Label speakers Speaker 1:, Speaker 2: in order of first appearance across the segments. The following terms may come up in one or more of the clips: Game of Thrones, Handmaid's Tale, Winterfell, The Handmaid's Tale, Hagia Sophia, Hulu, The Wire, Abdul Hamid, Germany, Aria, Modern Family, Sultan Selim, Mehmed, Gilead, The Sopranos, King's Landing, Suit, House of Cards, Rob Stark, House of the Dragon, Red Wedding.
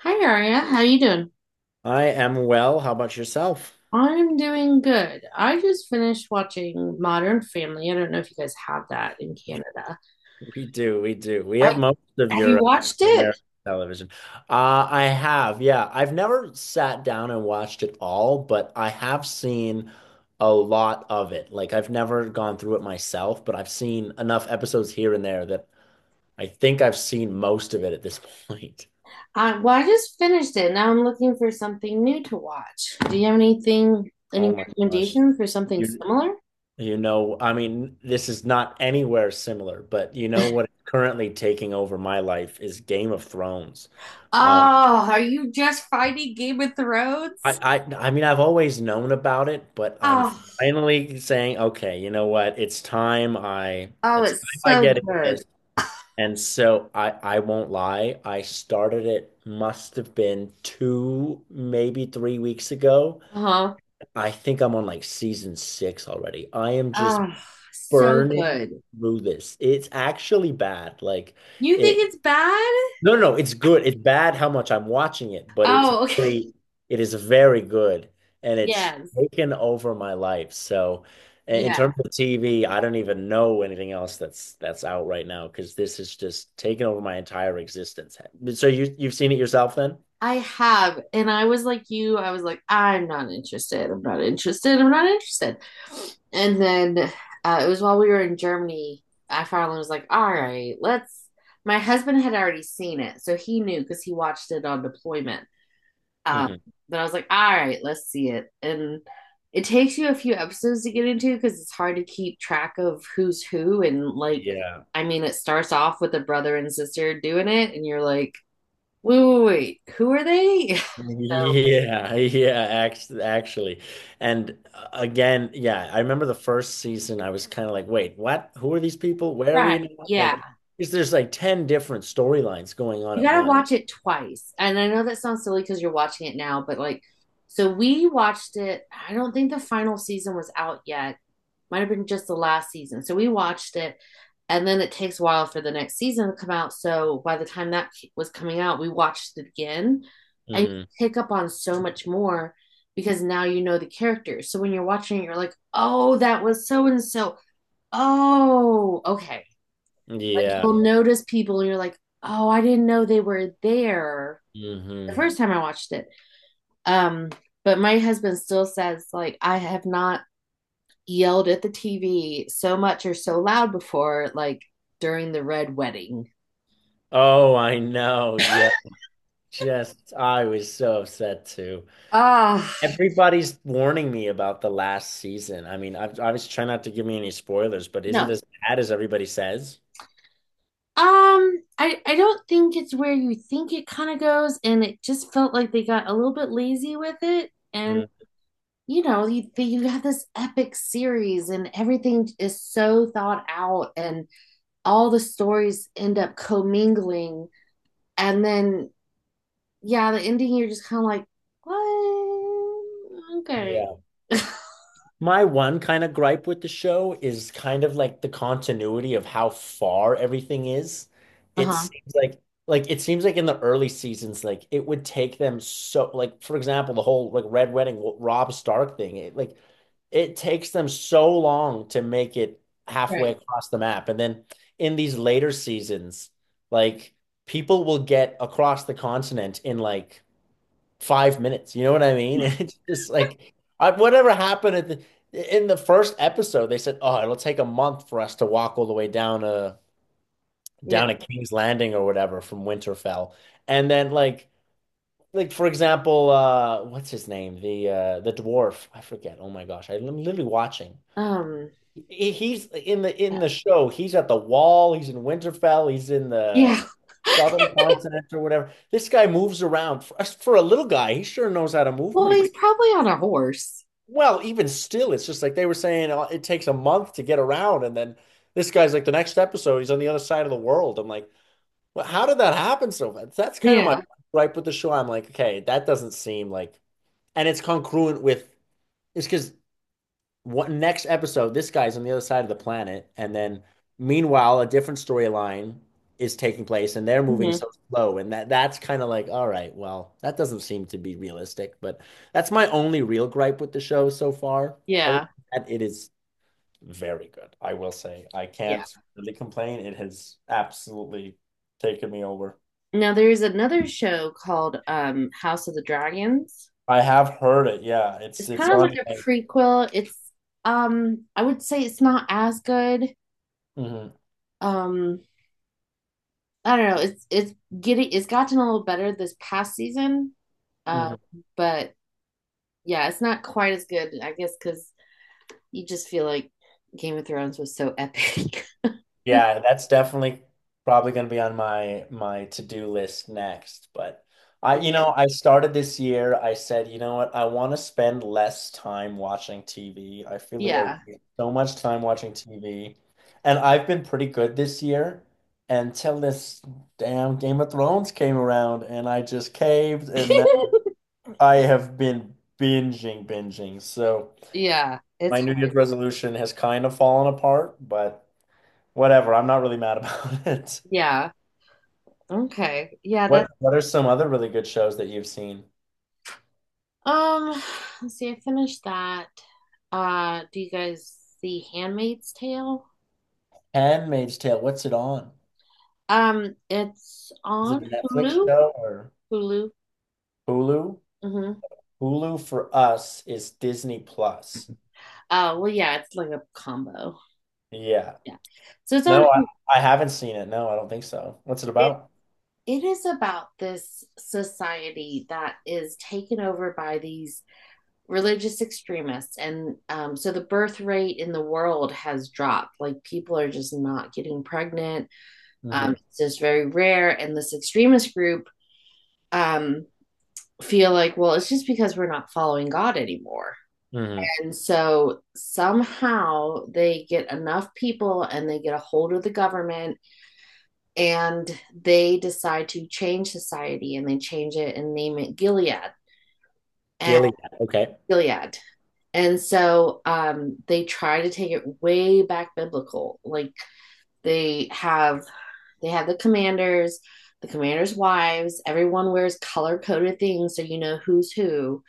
Speaker 1: Hi Aria, how you doing?
Speaker 2: I am well. How about yourself?
Speaker 1: I'm doing good. I just finished watching Modern Family. I don't know if you guys have that in Canada.
Speaker 2: We do. We have
Speaker 1: I
Speaker 2: most of
Speaker 1: have you watched
Speaker 2: your
Speaker 1: it?
Speaker 2: American television. I have, yeah. I've never sat down and watched it all, but I have seen a lot of it. Like I've never gone through it myself, but I've seen enough episodes here and there that I think I've seen most of it at this point.
Speaker 1: I just finished it. Now I'm looking for something new to watch. Do you have anything,
Speaker 2: Oh
Speaker 1: any
Speaker 2: my gosh.
Speaker 1: recommendations for something
Speaker 2: You
Speaker 1: similar?
Speaker 2: I mean, this is not anywhere similar, but you know what is currently taking over my life is Game of Thrones. Um,
Speaker 1: Oh, are you just fighting Game of Thrones?
Speaker 2: I mean I've always known about it, but I'm
Speaker 1: Oh,
Speaker 2: finally saying, okay, you know what?
Speaker 1: oh,
Speaker 2: It's
Speaker 1: it's
Speaker 2: time I
Speaker 1: so
Speaker 2: get into
Speaker 1: good.
Speaker 2: this. And so I won't lie, I started it must have been 2, maybe 3 weeks ago.
Speaker 1: Uh-huh.
Speaker 2: I think I'm on like season 6 already. I am just
Speaker 1: Oh, so
Speaker 2: burning
Speaker 1: good.
Speaker 2: through this. It's actually bad. Like
Speaker 1: You think
Speaker 2: it
Speaker 1: it's bad?
Speaker 2: no, no, no, it's good. It's bad how much I'm watching it, but
Speaker 1: Oh, okay.
Speaker 2: it is very good, and it's
Speaker 1: Yes.
Speaker 2: taken over my life. So, in
Speaker 1: Yeah.
Speaker 2: terms of TV, I don't even know anything else that's out right now because this is just taken over my entire existence. So you've seen it yourself then?
Speaker 1: I have. And I was like you, I was like, I'm not interested. I'm not interested. I'm not interested. And then it was while we were in Germany, I finally was like, all right, let's. My husband had already seen it. So he knew because he watched it on deployment. Um,
Speaker 2: Hmm.
Speaker 1: but I was like, all right, let's see it. And it takes you a few episodes to get into because it's hard to keep track of who's who. And like,
Speaker 2: Yeah,
Speaker 1: I mean, it starts off with a brother and sister doing it, and you're like, Wait, wait, wait. Who are they? So,
Speaker 2: Yeah, actually. And again, yeah, I remember the first season, I was kind of like, wait, what? Who are these people? Where are we
Speaker 1: right.
Speaker 2: now?
Speaker 1: Yeah.
Speaker 2: Like, because there's like 10 different storylines going on
Speaker 1: You
Speaker 2: at
Speaker 1: got to
Speaker 2: once.
Speaker 1: watch it twice. And I know that sounds silly because you're watching it now, but like, so we watched it. I don't think the final season was out yet. Might have been just the last season. So we watched it. And then it takes a while for the next season to come out. So by the time that was coming out, we watched it again. And you
Speaker 2: Hmm.
Speaker 1: pick up on so much more because now you know the characters. So when you're watching it, you're like, oh, that was so and so. Oh, okay.
Speaker 2: Yeah.
Speaker 1: You'll notice people and you're like, oh, I didn't know they were there
Speaker 2: Hmm.
Speaker 1: the first time I watched it. Um, but my husband still says, like, I have not yelled at the TV so much or so loud before, like during the red wedding.
Speaker 2: Oh, I know. Yeah. Just, I was so upset too.
Speaker 1: Ah, uh,
Speaker 2: Everybody's warning me about the last season. I mean, I was trying not to give me any spoilers, but is it
Speaker 1: no.
Speaker 2: as bad as everybody says?
Speaker 1: I don't think it's where you think it kind of goes, and it just felt like they got a little bit lazy with it. And
Speaker 2: Mm.
Speaker 1: you know, you have this epic series, and everything is so thought out, and all the stories end up commingling. And then, yeah, the ending, you're just kind of like, what? Okay.
Speaker 2: Yeah. My one kind of gripe with the show is kind of like the continuity of how far everything is. It
Speaker 1: Uh-huh.
Speaker 2: seems like it seems like in the early seasons, like it would take them so like for example, the whole like Red Wedding Rob Stark thing, it takes them so long to make it halfway
Speaker 1: Right.
Speaker 2: across the map. And then in these later seasons, like people will get across the continent in like 5 minutes. You know what I mean? And it's just like I, whatever happened at the in the first episode, they said, "Oh, it'll take a month for us to walk all the way down a
Speaker 1: Yeah.
Speaker 2: down a King's Landing or whatever from Winterfell," and then like. Like for example, what's his name? The dwarf. I forget. Oh my gosh, I'm literally watching.
Speaker 1: Um,
Speaker 2: He's in the show. He's at the Wall. He's in Winterfell. He's in the
Speaker 1: yeah.
Speaker 2: Southern Continent or whatever. This guy moves around for a little guy. He sure knows how to move
Speaker 1: Well,
Speaker 2: pretty.
Speaker 1: he's probably on a horse.
Speaker 2: Well, even still, it's just like they were saying it takes a month to get around, and then this guy's like the next episode, he's on the other side of the world. I'm like, well, how did that happen so fast? That's kind of my
Speaker 1: Yeah.
Speaker 2: gripe with the show. I'm like, okay, that doesn't seem like, and it's congruent with it's because what next episode, this guy's on the other side of the planet, and then meanwhile, a different storyline is taking place, and they're moving
Speaker 1: Mhm.
Speaker 2: so slow, and that's kind of like, all right, well, that doesn't seem to be realistic, but that's my only real gripe with the show so far. Other
Speaker 1: Yeah.
Speaker 2: than that, it is very good, I will say. I
Speaker 1: Yeah.
Speaker 2: can't really complain. It has absolutely taken me over.
Speaker 1: Now there's another show called House of the Dragons.
Speaker 2: I have heard it. Yeah,
Speaker 1: It's
Speaker 2: it's
Speaker 1: kind of
Speaker 2: on.
Speaker 1: like a prequel. It's I would say it's not as good.
Speaker 2: Mhm,
Speaker 1: Um I don't know. It's getting it's gotten a little better this past season. Uh,
Speaker 2: mhm.
Speaker 1: but yeah, it's not quite as good, I guess, because you just feel like Game of Thrones was so epic.
Speaker 2: Yeah, that's definitely probably going to be on my to-do list next. But I, you know, I started this year. I said, you know what? I want to spend less time watching TV. I feel like I
Speaker 1: Yeah.
Speaker 2: waste so much time watching TV, and I've been pretty good this year until this damn Game of Thrones came around, and I just caved, and now I have been binging. So
Speaker 1: Yeah, it's
Speaker 2: my New Year's
Speaker 1: hard.
Speaker 2: resolution has kind of fallen apart, but whatever. I'm not really mad about it.
Speaker 1: Yeah. Okay. Yeah, that
Speaker 2: What are some other really good shows that you've seen?
Speaker 1: um let's see, I finished that. Do you guys see Handmaid's Tale?
Speaker 2: Handmaid's Tale, what's it on?
Speaker 1: It's
Speaker 2: Is it
Speaker 1: on
Speaker 2: a Netflix
Speaker 1: Hulu.
Speaker 2: show or
Speaker 1: Hulu.
Speaker 2: Hulu?
Speaker 1: Mm-hmm.
Speaker 2: Hulu for us is Disney Plus.
Speaker 1: Well yeah, it's like a combo.
Speaker 2: Yeah.
Speaker 1: Yeah. So it's
Speaker 2: No,
Speaker 1: on
Speaker 2: I haven't seen it. No, I don't think so. What's it
Speaker 1: it
Speaker 2: about?
Speaker 1: it is about this society that is taken over by these religious extremists and so the birth rate in the world has dropped like people are just not getting pregnant,
Speaker 2: Mm-hmm.
Speaker 1: it's just very rare. And this extremist group, um, feel like well it's just because we're not following god anymore.
Speaker 2: Hmm.
Speaker 1: And so somehow they get enough people and they get a hold of the government, and they decide to change society and they change it and name it Gilead. and
Speaker 2: Gilead. Okay.
Speaker 1: Gilead. And so they try to take it way back biblical. Like they have they have the commanders' wives. Everyone wears color coded things so you know who's who.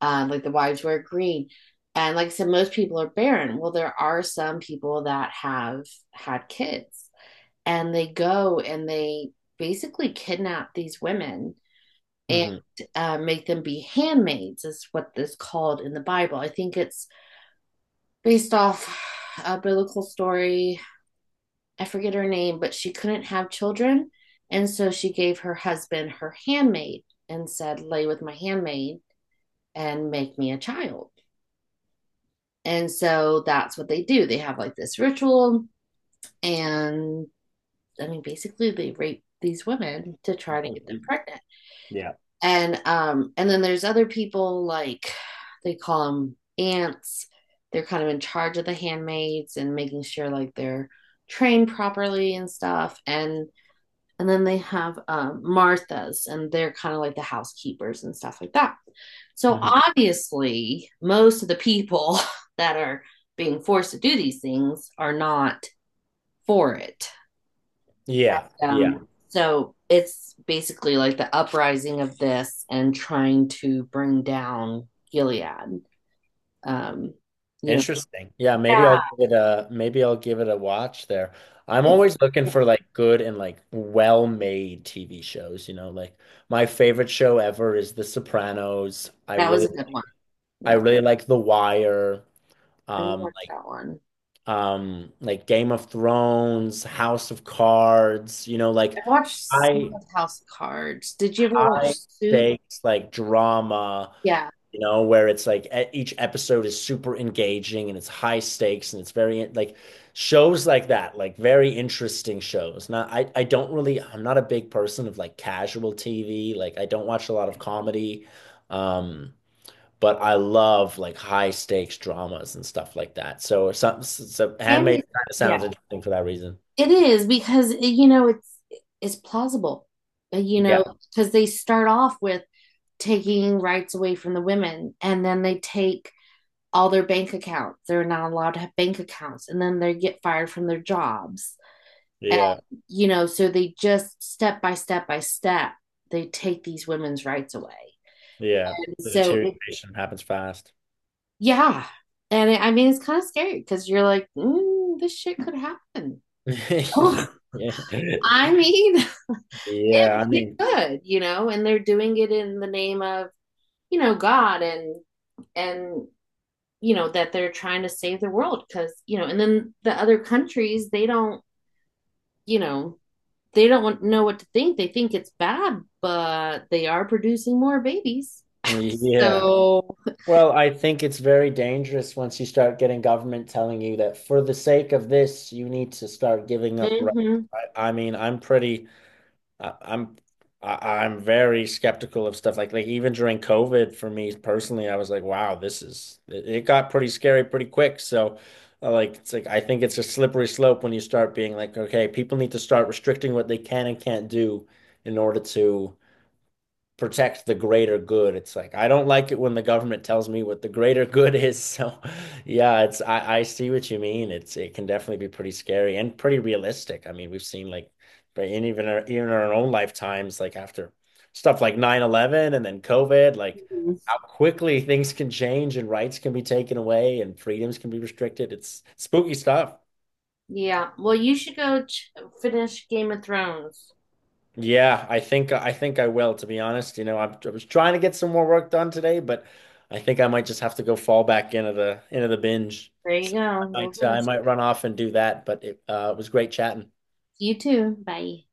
Speaker 1: Like the wives wear green. And like I said, most people are barren. Well, there are some people that have had kids and they go and they basically kidnap these women, and
Speaker 2: Hmm.
Speaker 1: make them be handmaids is what is called in the bible. I think it's based off a biblical story. I forget her name, but she couldn't have children, and so she gave her husband her handmaid and said lay with my handmaid and make me a child. And so that's what they do, they have like this ritual. And I mean basically they rape these women to try to get them pregnant.
Speaker 2: Yeah.
Speaker 1: And and then there's other people like they call them aunts, they're kind of in charge of the handmaids and making sure like they're trained properly and stuff. And then they have marthas, and they're kind of like the housekeepers and stuff like that. So
Speaker 2: Hmm.
Speaker 1: obviously most of the people that are being forced to do these things are not for it.
Speaker 2: Yeah. Yeah.
Speaker 1: So it's basically like the uprising of this and trying to bring down Gilead. Um, you know,
Speaker 2: Interesting. Yeah,
Speaker 1: yeah,
Speaker 2: maybe I'll give it a watch there. I'm
Speaker 1: it's,
Speaker 2: always looking
Speaker 1: yeah,
Speaker 2: for like good and like well-made TV shows, you know, like my favorite show ever is The Sopranos.
Speaker 1: that was a good one.
Speaker 2: I
Speaker 1: Yeah,
Speaker 2: really like The Wire,
Speaker 1: I
Speaker 2: um
Speaker 1: watched
Speaker 2: like
Speaker 1: that one.
Speaker 2: like Game of Thrones, House of Cards, you know,
Speaker 1: I
Speaker 2: like
Speaker 1: watched some
Speaker 2: high
Speaker 1: of House of Cards. Did you ever watch
Speaker 2: high
Speaker 1: Suit?
Speaker 2: stakes like drama.
Speaker 1: Yeah,
Speaker 2: You know, where it's like each episode is super engaging and it's high stakes and it's very like shows like that, like very interesting shows. Not, I don't really, I'm not a big person of like casual TV. Like I don't watch a lot of comedy. Um, but I love like high stakes dramas and stuff like that. So Handmaid
Speaker 1: Candy.
Speaker 2: kind of sounds
Speaker 1: Yeah,
Speaker 2: interesting for that reason.
Speaker 1: it is because you know it's plausible. You know,
Speaker 2: Yeah.
Speaker 1: because they start off with taking rights away from the women, and then they take all their bank accounts. They're not allowed to have bank accounts. And then they get fired from their jobs. And,
Speaker 2: Yeah.
Speaker 1: you know, so they just step by step by step, they take these women's rights away.
Speaker 2: Yeah. The
Speaker 1: so, it,
Speaker 2: deterioration happens fast.
Speaker 1: yeah. I mean, it's kind of scary because you're like, mm, this shit could happen.
Speaker 2: Yeah.
Speaker 1: I mean,
Speaker 2: Yeah,
Speaker 1: it,
Speaker 2: I
Speaker 1: it
Speaker 2: mean,
Speaker 1: could, you know, and they're doing it in the name of, you know, God and, you know, that they're trying to save the world because, you know. And then the other countries, they don't, you know, they don't want, know what to think. They think it's bad, but they are producing more babies.
Speaker 2: yeah.
Speaker 1: So,
Speaker 2: Well, I think it's very dangerous once you start getting government telling you that for the sake of this, you need to start giving up rights.
Speaker 1: mhm,
Speaker 2: I mean, I, I'm, I'm very skeptical of stuff like even during COVID for me personally, I was like, wow, it got pretty scary pretty quick. So, it's like I think it's a slippery slope when you start being like, okay, people need to start restricting what they can and can't do in order to protect the greater good. It's like I don't like it when the government tells me what the greater good is. So yeah, it's I see what you mean. It's it can definitely be pretty scary and pretty realistic. I mean, we've seen like but even our own lifetimes, like after stuff like 9/11 and then COVID, like
Speaker 1: mhm,
Speaker 2: how quickly things can change and rights can be taken away and freedoms can be restricted. It's spooky stuff.
Speaker 1: yeah. Well, you should go finish Game of Thrones.
Speaker 2: Yeah, I think I will, to be honest. You know, I was trying to get some more work done today, but I think I might just have to go fall back into the binge.
Speaker 1: There you
Speaker 2: So
Speaker 1: go. Go
Speaker 2: I
Speaker 1: finish.
Speaker 2: might run off and do that, but it was great chatting.
Speaker 1: You too. Bye.